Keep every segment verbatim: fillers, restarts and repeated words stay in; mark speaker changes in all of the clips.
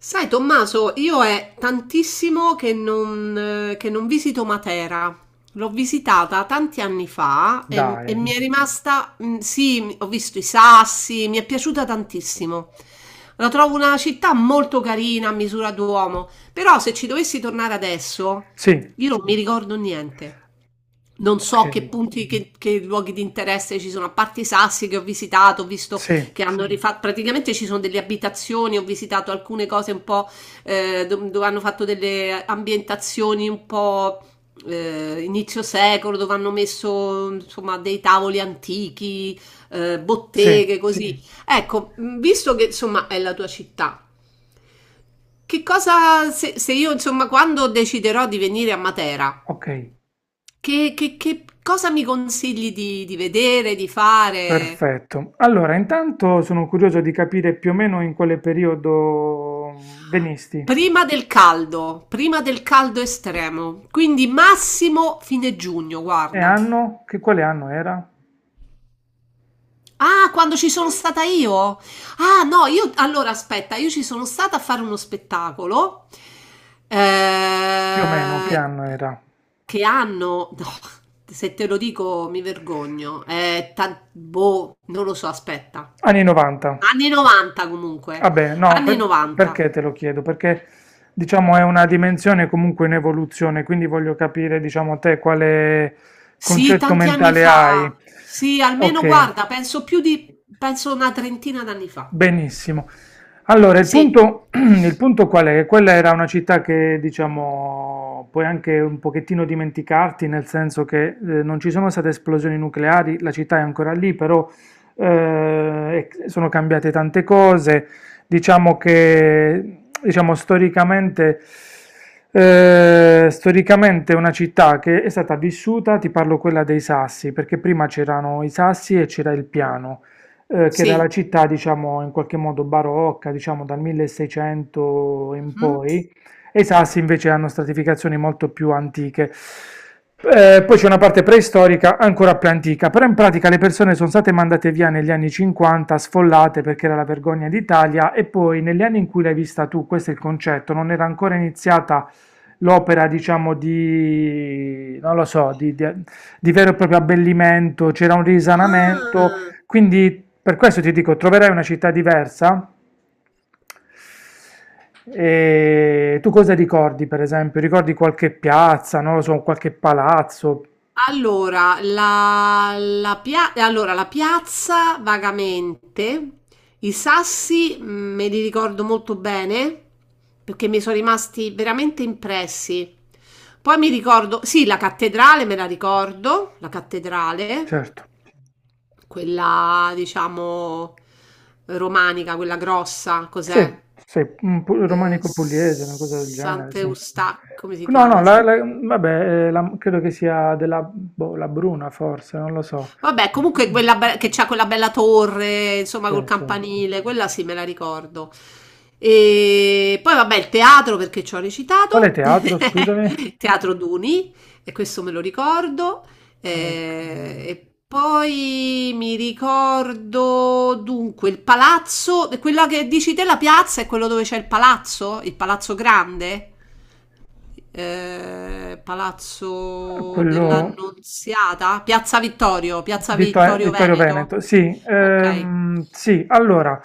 Speaker 1: Sai, Tommaso, io è tantissimo che non, eh, che non visito Matera. L'ho visitata tanti anni fa e, e
Speaker 2: Dai,
Speaker 1: mi è rimasta, mm, sì, ho visto i sassi, mi è piaciuta tantissimo. La trovo una città molto carina a misura d'uomo, però se ci dovessi tornare adesso,
Speaker 2: sì,
Speaker 1: io non mi ricordo niente. Non
Speaker 2: ok,
Speaker 1: so che punti, che, che luoghi di interesse ci sono, a parte i sassi che ho visitato, ho visto
Speaker 2: sì,
Speaker 1: che hanno rifatto, praticamente ci sono delle abitazioni, ho visitato alcune cose un po' eh, do- dove hanno fatto delle ambientazioni un po' eh, inizio secolo, dove hanno messo insomma dei tavoli antichi, eh, botteghe,
Speaker 2: sì,
Speaker 1: così. Sì. Ecco, mh, visto che insomma è la tua città, che cosa se, se io insomma quando deciderò di venire a Matera?
Speaker 2: ok,
Speaker 1: Che, che- che cosa mi consigli di, di vedere, di fare?
Speaker 2: perfetto. Allora, intanto sono curioso di capire più o meno in quale periodo venisti.
Speaker 1: Prima del caldo, prima del caldo estremo, quindi massimo fine giugno,
Speaker 2: E
Speaker 1: guarda.
Speaker 2: anno? Che quale anno era?
Speaker 1: Ah, quando ci sono stata io? Ah, no, io allora aspetta, io ci sono stata a fare uno spettacolo.
Speaker 2: Più o meno, che
Speaker 1: eh,
Speaker 2: anno era?
Speaker 1: che hanno, no, se te lo dico mi vergogno, eh, tan- boh, non lo so, aspetta.
Speaker 2: Anni novanta.
Speaker 1: Anni novanta comunque,
Speaker 2: Vabbè, no,
Speaker 1: anni
Speaker 2: per-
Speaker 1: novanta.
Speaker 2: perché te lo chiedo? Perché, diciamo, è una dimensione comunque in evoluzione, quindi voglio capire, diciamo, te quale
Speaker 1: Sì,
Speaker 2: concetto
Speaker 1: tanti anni
Speaker 2: mentale hai.
Speaker 1: fa. Sì, almeno
Speaker 2: Ok.
Speaker 1: guarda, penso più di, penso una trentina d'anni fa.
Speaker 2: Benissimo. Allora, il
Speaker 1: Sì,
Speaker 2: punto, il punto qual è? Che quella era una città che, diciamo, puoi anche un pochettino dimenticarti, nel senso che eh, non ci sono state esplosioni nucleari, la città è ancora lì, però eh, e sono cambiate tante cose. Diciamo che, diciamo, storicamente, eh, storicamente è una città che è stata vissuta, ti parlo quella dei Sassi, perché prima c'erano i Sassi e c'era il piano, eh, che era la
Speaker 1: sì.
Speaker 2: città, diciamo, in qualche modo barocca, diciamo dal milleseicento in
Speaker 1: Mhm.
Speaker 2: poi, e i Sassi invece hanno stratificazioni molto più antiche. Eh, poi c'è una parte preistorica ancora più antica, però in pratica le persone sono state mandate via negli anni cinquanta, sfollate perché era la vergogna d'Italia, e poi negli anni in cui l'hai vista tu, questo è il concetto, non era ancora iniziata l'opera, diciamo, di, non lo so, di, di- di vero e proprio abbellimento, c'era un risanamento,
Speaker 1: Ah.
Speaker 2: quindi per questo ti dico, troverai una città diversa. E tu cosa ricordi, per esempio? Ricordi qualche piazza, non lo so, qualche palazzo?
Speaker 1: Allora la, la pia- allora, la piazza vagamente, i sassi mh, me li ricordo molto bene perché mi sono rimasti veramente impressi. Poi mi ricordo, sì, la cattedrale me la ricordo, la cattedrale,
Speaker 2: Certo,
Speaker 1: quella diciamo romanica, quella grossa,
Speaker 2: sì,
Speaker 1: cos'è?
Speaker 2: sì, un pu-
Speaker 1: Eh,
Speaker 2: romanico pugliese, una cosa del genere, sì.
Speaker 1: Sant'Eustachio, come si
Speaker 2: No, no,
Speaker 1: chiama?
Speaker 2: la- la- vabbè, eh, la- credo che sia della, boh, la Bruna, forse, non lo so.
Speaker 1: Vabbè, comunque
Speaker 2: Mm.
Speaker 1: quella be- che c'ha quella bella torre, insomma,
Speaker 2: Sì,
Speaker 1: col
Speaker 2: sì.
Speaker 1: campanile, quella sì, me la ricordo. E poi vabbè, il teatro perché ci ho
Speaker 2: Quale
Speaker 1: recitato,
Speaker 2: teatro, scusami?
Speaker 1: Teatro Duni, e questo me lo ricordo. Eh,
Speaker 2: Ok.
Speaker 1: e poi mi ricordo dunque il palazzo, quella che dici te la piazza è quello dove c'è il palazzo, il palazzo grande? Eh, Palazzo
Speaker 2: Quello...
Speaker 1: dell'Annunziata, Piazza Vittorio, Piazza
Speaker 2: Vittor-
Speaker 1: Vittorio
Speaker 2: Vittorio
Speaker 1: Veneto.
Speaker 2: Veneto, sì,
Speaker 1: Ok.
Speaker 2: ehm, sì, allora,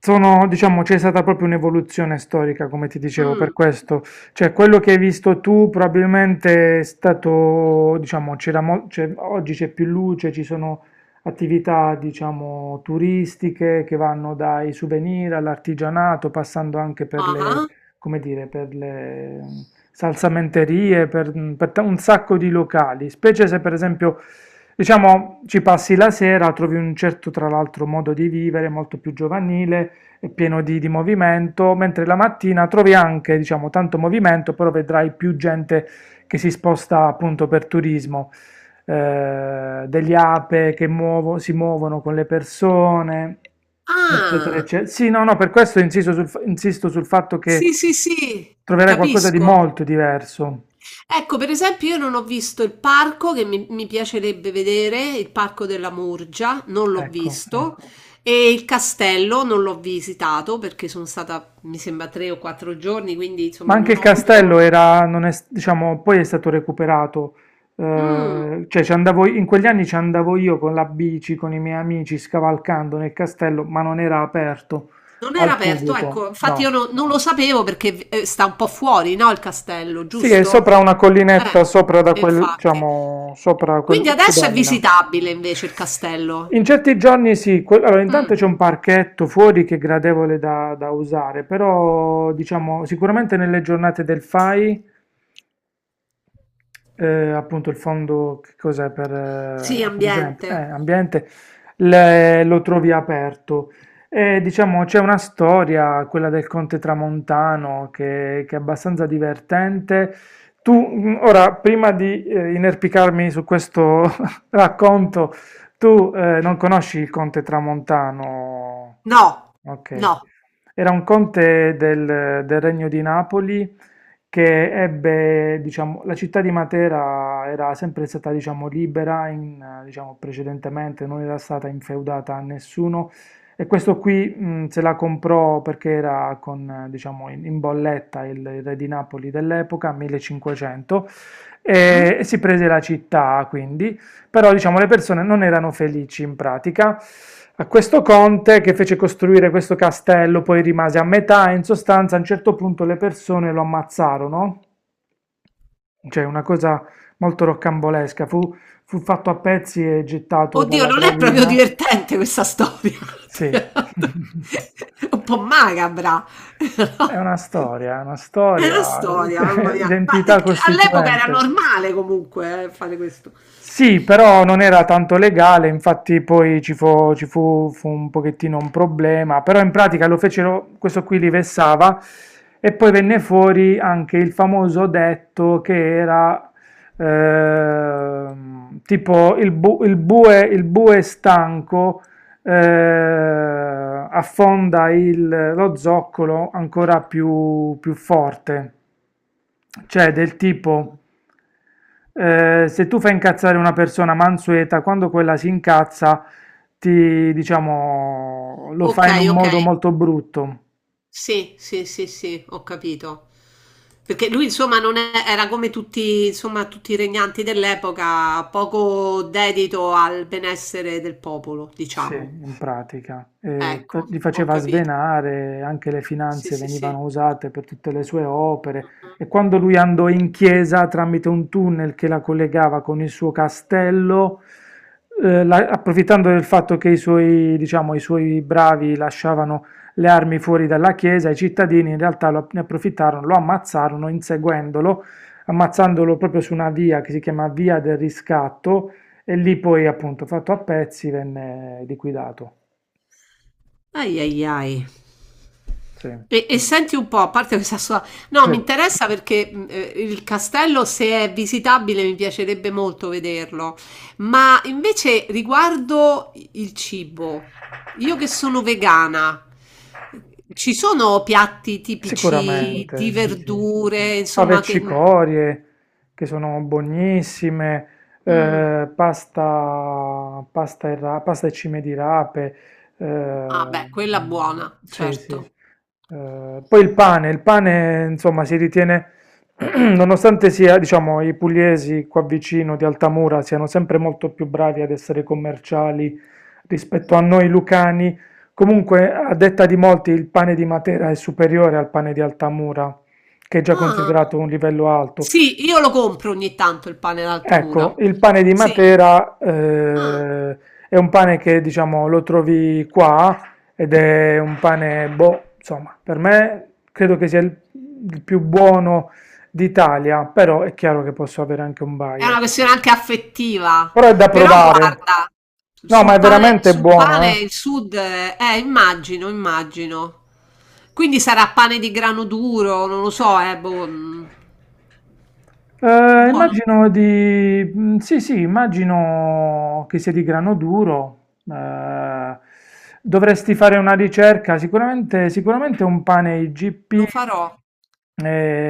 Speaker 2: sono, diciamo, c'è stata proprio un'evoluzione storica, come ti dicevo,
Speaker 1: Mm.
Speaker 2: per questo, cioè quello che hai visto tu probabilmente è stato, diciamo, c'era mo- c'è- oggi c'è più luce, ci sono attività, diciamo, turistiche che vanno dai souvenir all'artigianato, passando anche per le,
Speaker 1: Ah,
Speaker 2: come dire, per le, mh, salsamenterie, per, mh, per ta- un sacco di locali, specie se per esempio, diciamo, ci passi la sera, trovi un certo, tra l'altro, modo di vivere molto più giovanile e pieno di, di movimento, mentre la mattina trovi anche, diciamo, tanto movimento, però vedrai più gente che si sposta appunto per turismo, eh, degli ape che muovo- si muovono con le persone, eccetera,
Speaker 1: ah.
Speaker 2: eccetera. Sì, no, no, per questo insisto sul, fa- insisto sul fatto che
Speaker 1: Sì, sì, sì,
Speaker 2: troverai qualcosa di
Speaker 1: capisco.
Speaker 2: molto diverso,
Speaker 1: Ecco, per esempio, io non ho visto il parco che mi, mi piacerebbe vedere, il parco della Murgia, non l'ho
Speaker 2: ecco.
Speaker 1: visto, e il castello non l'ho visitato perché sono stata, mi sembra, tre o quattro giorni, quindi
Speaker 2: Ma
Speaker 1: insomma
Speaker 2: anche
Speaker 1: non
Speaker 2: il
Speaker 1: ho
Speaker 2: castello
Speaker 1: avuto...
Speaker 2: era, non è s- diciamo, poi è stato recuperato.
Speaker 1: Mm.
Speaker 2: Eh, cioè, ci andavo, in quegli anni ci andavo io con la bici, con i miei amici, scavalcando nel castello, ma non era aperto
Speaker 1: Non era
Speaker 2: al
Speaker 1: aperto,
Speaker 2: pubblico,
Speaker 1: ecco, infatti io
Speaker 2: no.
Speaker 1: no- non lo sapevo perché eh, sta un po' fuori, no, il castello,
Speaker 2: Sì, è
Speaker 1: giusto?
Speaker 2: sopra una collinetta, sopra da
Speaker 1: Eh,
Speaker 2: quel,
Speaker 1: infatti.
Speaker 2: diciamo, sopra
Speaker 1: Quindi
Speaker 2: quel che
Speaker 1: adesso è
Speaker 2: domina.
Speaker 1: visitabile invece il castello.
Speaker 2: In certi giorni sì, que- allora
Speaker 1: Mm.
Speaker 2: intanto c'è un parchetto fuori che è gradevole da, da usare, però diciamo sicuramente nelle giornate del FAI, eh, appunto il fondo, che cos'è, per,
Speaker 1: Sì,
Speaker 2: eh, presente, eh,
Speaker 1: ambiente.
Speaker 2: ambiente, le- lo trovi aperto. E, diciamo, c'è una storia, quella del Conte Tramontano, che, che è abbastanza divertente. Tu, mh, ora, prima di eh, inerpicarmi su questo racconto, tu, eh, non conosci il Conte Tramontano?
Speaker 1: No,
Speaker 2: Ok.
Speaker 1: no.
Speaker 2: Era un conte del, del Regno di Napoli che ebbe, diciamo, la città di Matera era sempre stata, diciamo, libera in, eh, diciamo, precedentemente, non era stata infeudata a nessuno e questo qui, mh, se la comprò perché era con, eh, diciamo, in, in bolletta il, il re di Napoli dell'epoca, millecinquecento, e,
Speaker 1: Mhm.
Speaker 2: e si prese la città, quindi, però diciamo le persone non erano felici in pratica. A questo conte che fece costruire questo castello poi rimase a metà e in sostanza a un certo punto le persone lo ammazzarono. Cioè una cosa molto roccambolesca, fu, fu fatto a pezzi e gettato
Speaker 1: Oddio,
Speaker 2: dalla
Speaker 1: non è proprio
Speaker 2: gravina.
Speaker 1: divertente questa storia.
Speaker 2: Sì.
Speaker 1: Un po' macabra.
Speaker 2: È
Speaker 1: No?
Speaker 2: una storia, è una
Speaker 1: È
Speaker 2: storia,
Speaker 1: una storia, mamma mia. Ma eh,
Speaker 2: identità
Speaker 1: all'epoca era
Speaker 2: costituente.
Speaker 1: normale comunque eh, fare questo.
Speaker 2: Sì, però non era tanto legale, infatti poi ci fu, ci fu- fu un pochettino un problema, però in pratica lo fecero, questo qui li vessava e poi venne fuori anche il famoso detto che era ehm, tipo il, bu- il bue, il bue stanco eh, affonda il- lo zoccolo ancora più più forte, cioè del tipo, eh, se tu fai incazzare una persona mansueta, quando quella si incazza, ti, diciamo, lo
Speaker 1: Ok,
Speaker 2: fai in un
Speaker 1: ok.
Speaker 2: modo molto brutto.
Speaker 1: Sì, sì, sì, sì, ho capito. Perché lui, insomma, non è- era come tutti, insomma, tutti i regnanti dell'epoca, poco dedito al benessere del popolo,
Speaker 2: Sì,
Speaker 1: diciamo.
Speaker 2: in pratica. Eh,
Speaker 1: Ecco,
Speaker 2: fa- li
Speaker 1: ho
Speaker 2: faceva
Speaker 1: capito.
Speaker 2: svenare, anche le
Speaker 1: Sì,
Speaker 2: finanze
Speaker 1: sì, sì.
Speaker 2: venivano usate per tutte le sue opere e quando lui andò in chiesa tramite un tunnel che la collegava con il suo castello, eh, la- approfittando del fatto che i suoi, diciamo, i suoi bravi lasciavano le armi fuori dalla chiesa, i cittadini in realtà lo- ne approfittarono, lo ammazzarono inseguendolo, ammazzandolo proprio su una via che si chiama Via del Riscatto e lì poi appunto fatto a pezzi venne liquidato.
Speaker 1: Ai ai ai.
Speaker 2: Sì,
Speaker 1: E, e senti un po', a parte questa sua... No, mi
Speaker 2: sì.
Speaker 1: interessa perché mh, eh, il castello, se è visitabile, mi piacerebbe molto vederlo. Ma invece riguardo il cibo, io che sono vegana, ci sono piatti tipici di
Speaker 2: Sicuramente, sì. Sì, sì.
Speaker 1: verdure,
Speaker 2: Fave e
Speaker 1: insomma, che...
Speaker 2: cicorie che sono buonissime,
Speaker 1: Mm.
Speaker 2: eh, pasta, pasta e, ra- pasta e cime di rape,
Speaker 1: Ah,
Speaker 2: eh,
Speaker 1: beh, quella buona,
Speaker 2: sì, sì.
Speaker 1: certo.
Speaker 2: Eh, poi il pane, il pane, insomma, si ritiene, nonostante sia, diciamo, i pugliesi qua vicino di Altamura siano sempre molto più bravi ad essere commerciali rispetto a noi lucani, comunque, a detta di molti, il pane di Matera è superiore al pane di Altamura, che è già
Speaker 1: Ah,
Speaker 2: considerato un livello alto.
Speaker 1: sì, io lo compro ogni tanto il pane
Speaker 2: Ecco,
Speaker 1: d'Altamura.
Speaker 2: il pane di
Speaker 1: Sì.
Speaker 2: Matera,
Speaker 1: Ah,
Speaker 2: eh, è un pane che, diciamo, lo trovi qua ed è un pane, boh, insomma, per me credo che sia il, il più buono d'Italia, però è chiaro che posso avere anche un
Speaker 1: è una
Speaker 2: bias.
Speaker 1: questione anche affettiva,
Speaker 2: Però è da
Speaker 1: però
Speaker 2: provare.
Speaker 1: guarda,
Speaker 2: No, ma
Speaker 1: sul
Speaker 2: è
Speaker 1: pane,
Speaker 2: veramente
Speaker 1: sul
Speaker 2: buono,
Speaker 1: pane
Speaker 2: eh.
Speaker 1: il sud, eh, eh, immagino, immagino. Quindi sarà pane di grano duro, non lo so, eh, boh, mm,
Speaker 2: Eh,
Speaker 1: buono,
Speaker 2: immagino di... mm, sì, sì, immagino che sia di grano duro. Eh, dovresti fare una ricerca, sicuramente, sicuramente un pane I G P,
Speaker 1: lo farò.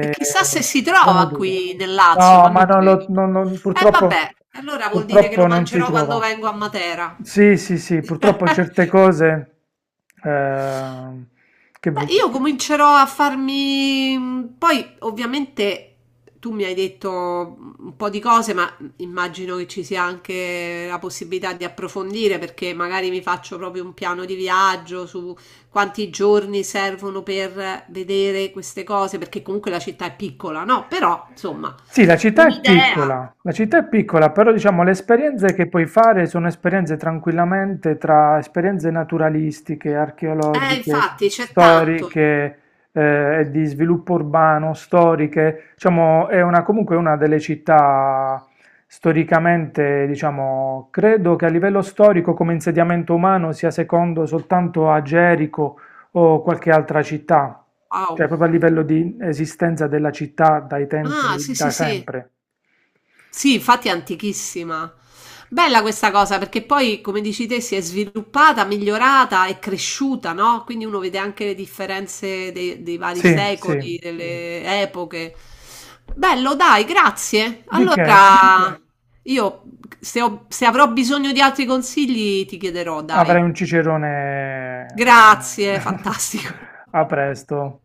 Speaker 1: E chissà se si
Speaker 2: grano
Speaker 1: trova
Speaker 2: duro.
Speaker 1: qui nel Lazio,
Speaker 2: No,
Speaker 1: ma
Speaker 2: ma
Speaker 1: non
Speaker 2: non lo-
Speaker 1: credo.
Speaker 2: non- non-
Speaker 1: E vabbè,
Speaker 2: purtroppo,
Speaker 1: allora vuol dire che lo
Speaker 2: purtroppo non si
Speaker 1: mangerò quando
Speaker 2: trova.
Speaker 1: vengo a Matera.
Speaker 2: Sì, sì, sì, purtroppo certe cose... eh, che vuoi?
Speaker 1: Beh, io comincerò a farmi. Mm, poi, ovviamente, tu mi hai detto un po' di cose, ma immagino che ci sia anche la possibilità di approfondire, perché magari mi faccio proprio un piano di viaggio su quanti giorni servono per vedere queste cose, perché comunque la città è piccola, no? Però, insomma,
Speaker 2: Sì, la città è
Speaker 1: un'idea.
Speaker 2: piccola, la città è piccola, però diciamo le esperienze che puoi fare sono esperienze tranquillamente tra esperienze naturalistiche,
Speaker 1: Eh,
Speaker 2: archeologiche,
Speaker 1: infatti, c'è tanto.
Speaker 2: storiche, eh, e di sviluppo urbano, storiche. Diciamo, è una, comunque una delle città storicamente, diciamo, credo che a livello storico come insediamento umano sia secondo soltanto a Gerico o qualche altra città, cioè
Speaker 1: Wow.
Speaker 2: proprio a livello di esistenza della città dai
Speaker 1: Ah,
Speaker 2: tempi
Speaker 1: sì, sì,
Speaker 2: da
Speaker 1: sì.
Speaker 2: sempre.
Speaker 1: Sì, infatti è antichissima. Bella questa cosa perché poi, come dici te, si è sviluppata, migliorata e cresciuta, no? Quindi uno vede anche le differenze dei, dei vari
Speaker 2: Sì, sì.
Speaker 1: secoli, delle epoche. Bello, dai, grazie.
Speaker 2: Di che
Speaker 1: Allora, io se, ho- se avrò bisogno di altri consigli ti chiederò,
Speaker 2: avrei
Speaker 1: dai.
Speaker 2: un cicerone
Speaker 1: Grazie, fantastico.
Speaker 2: a presto.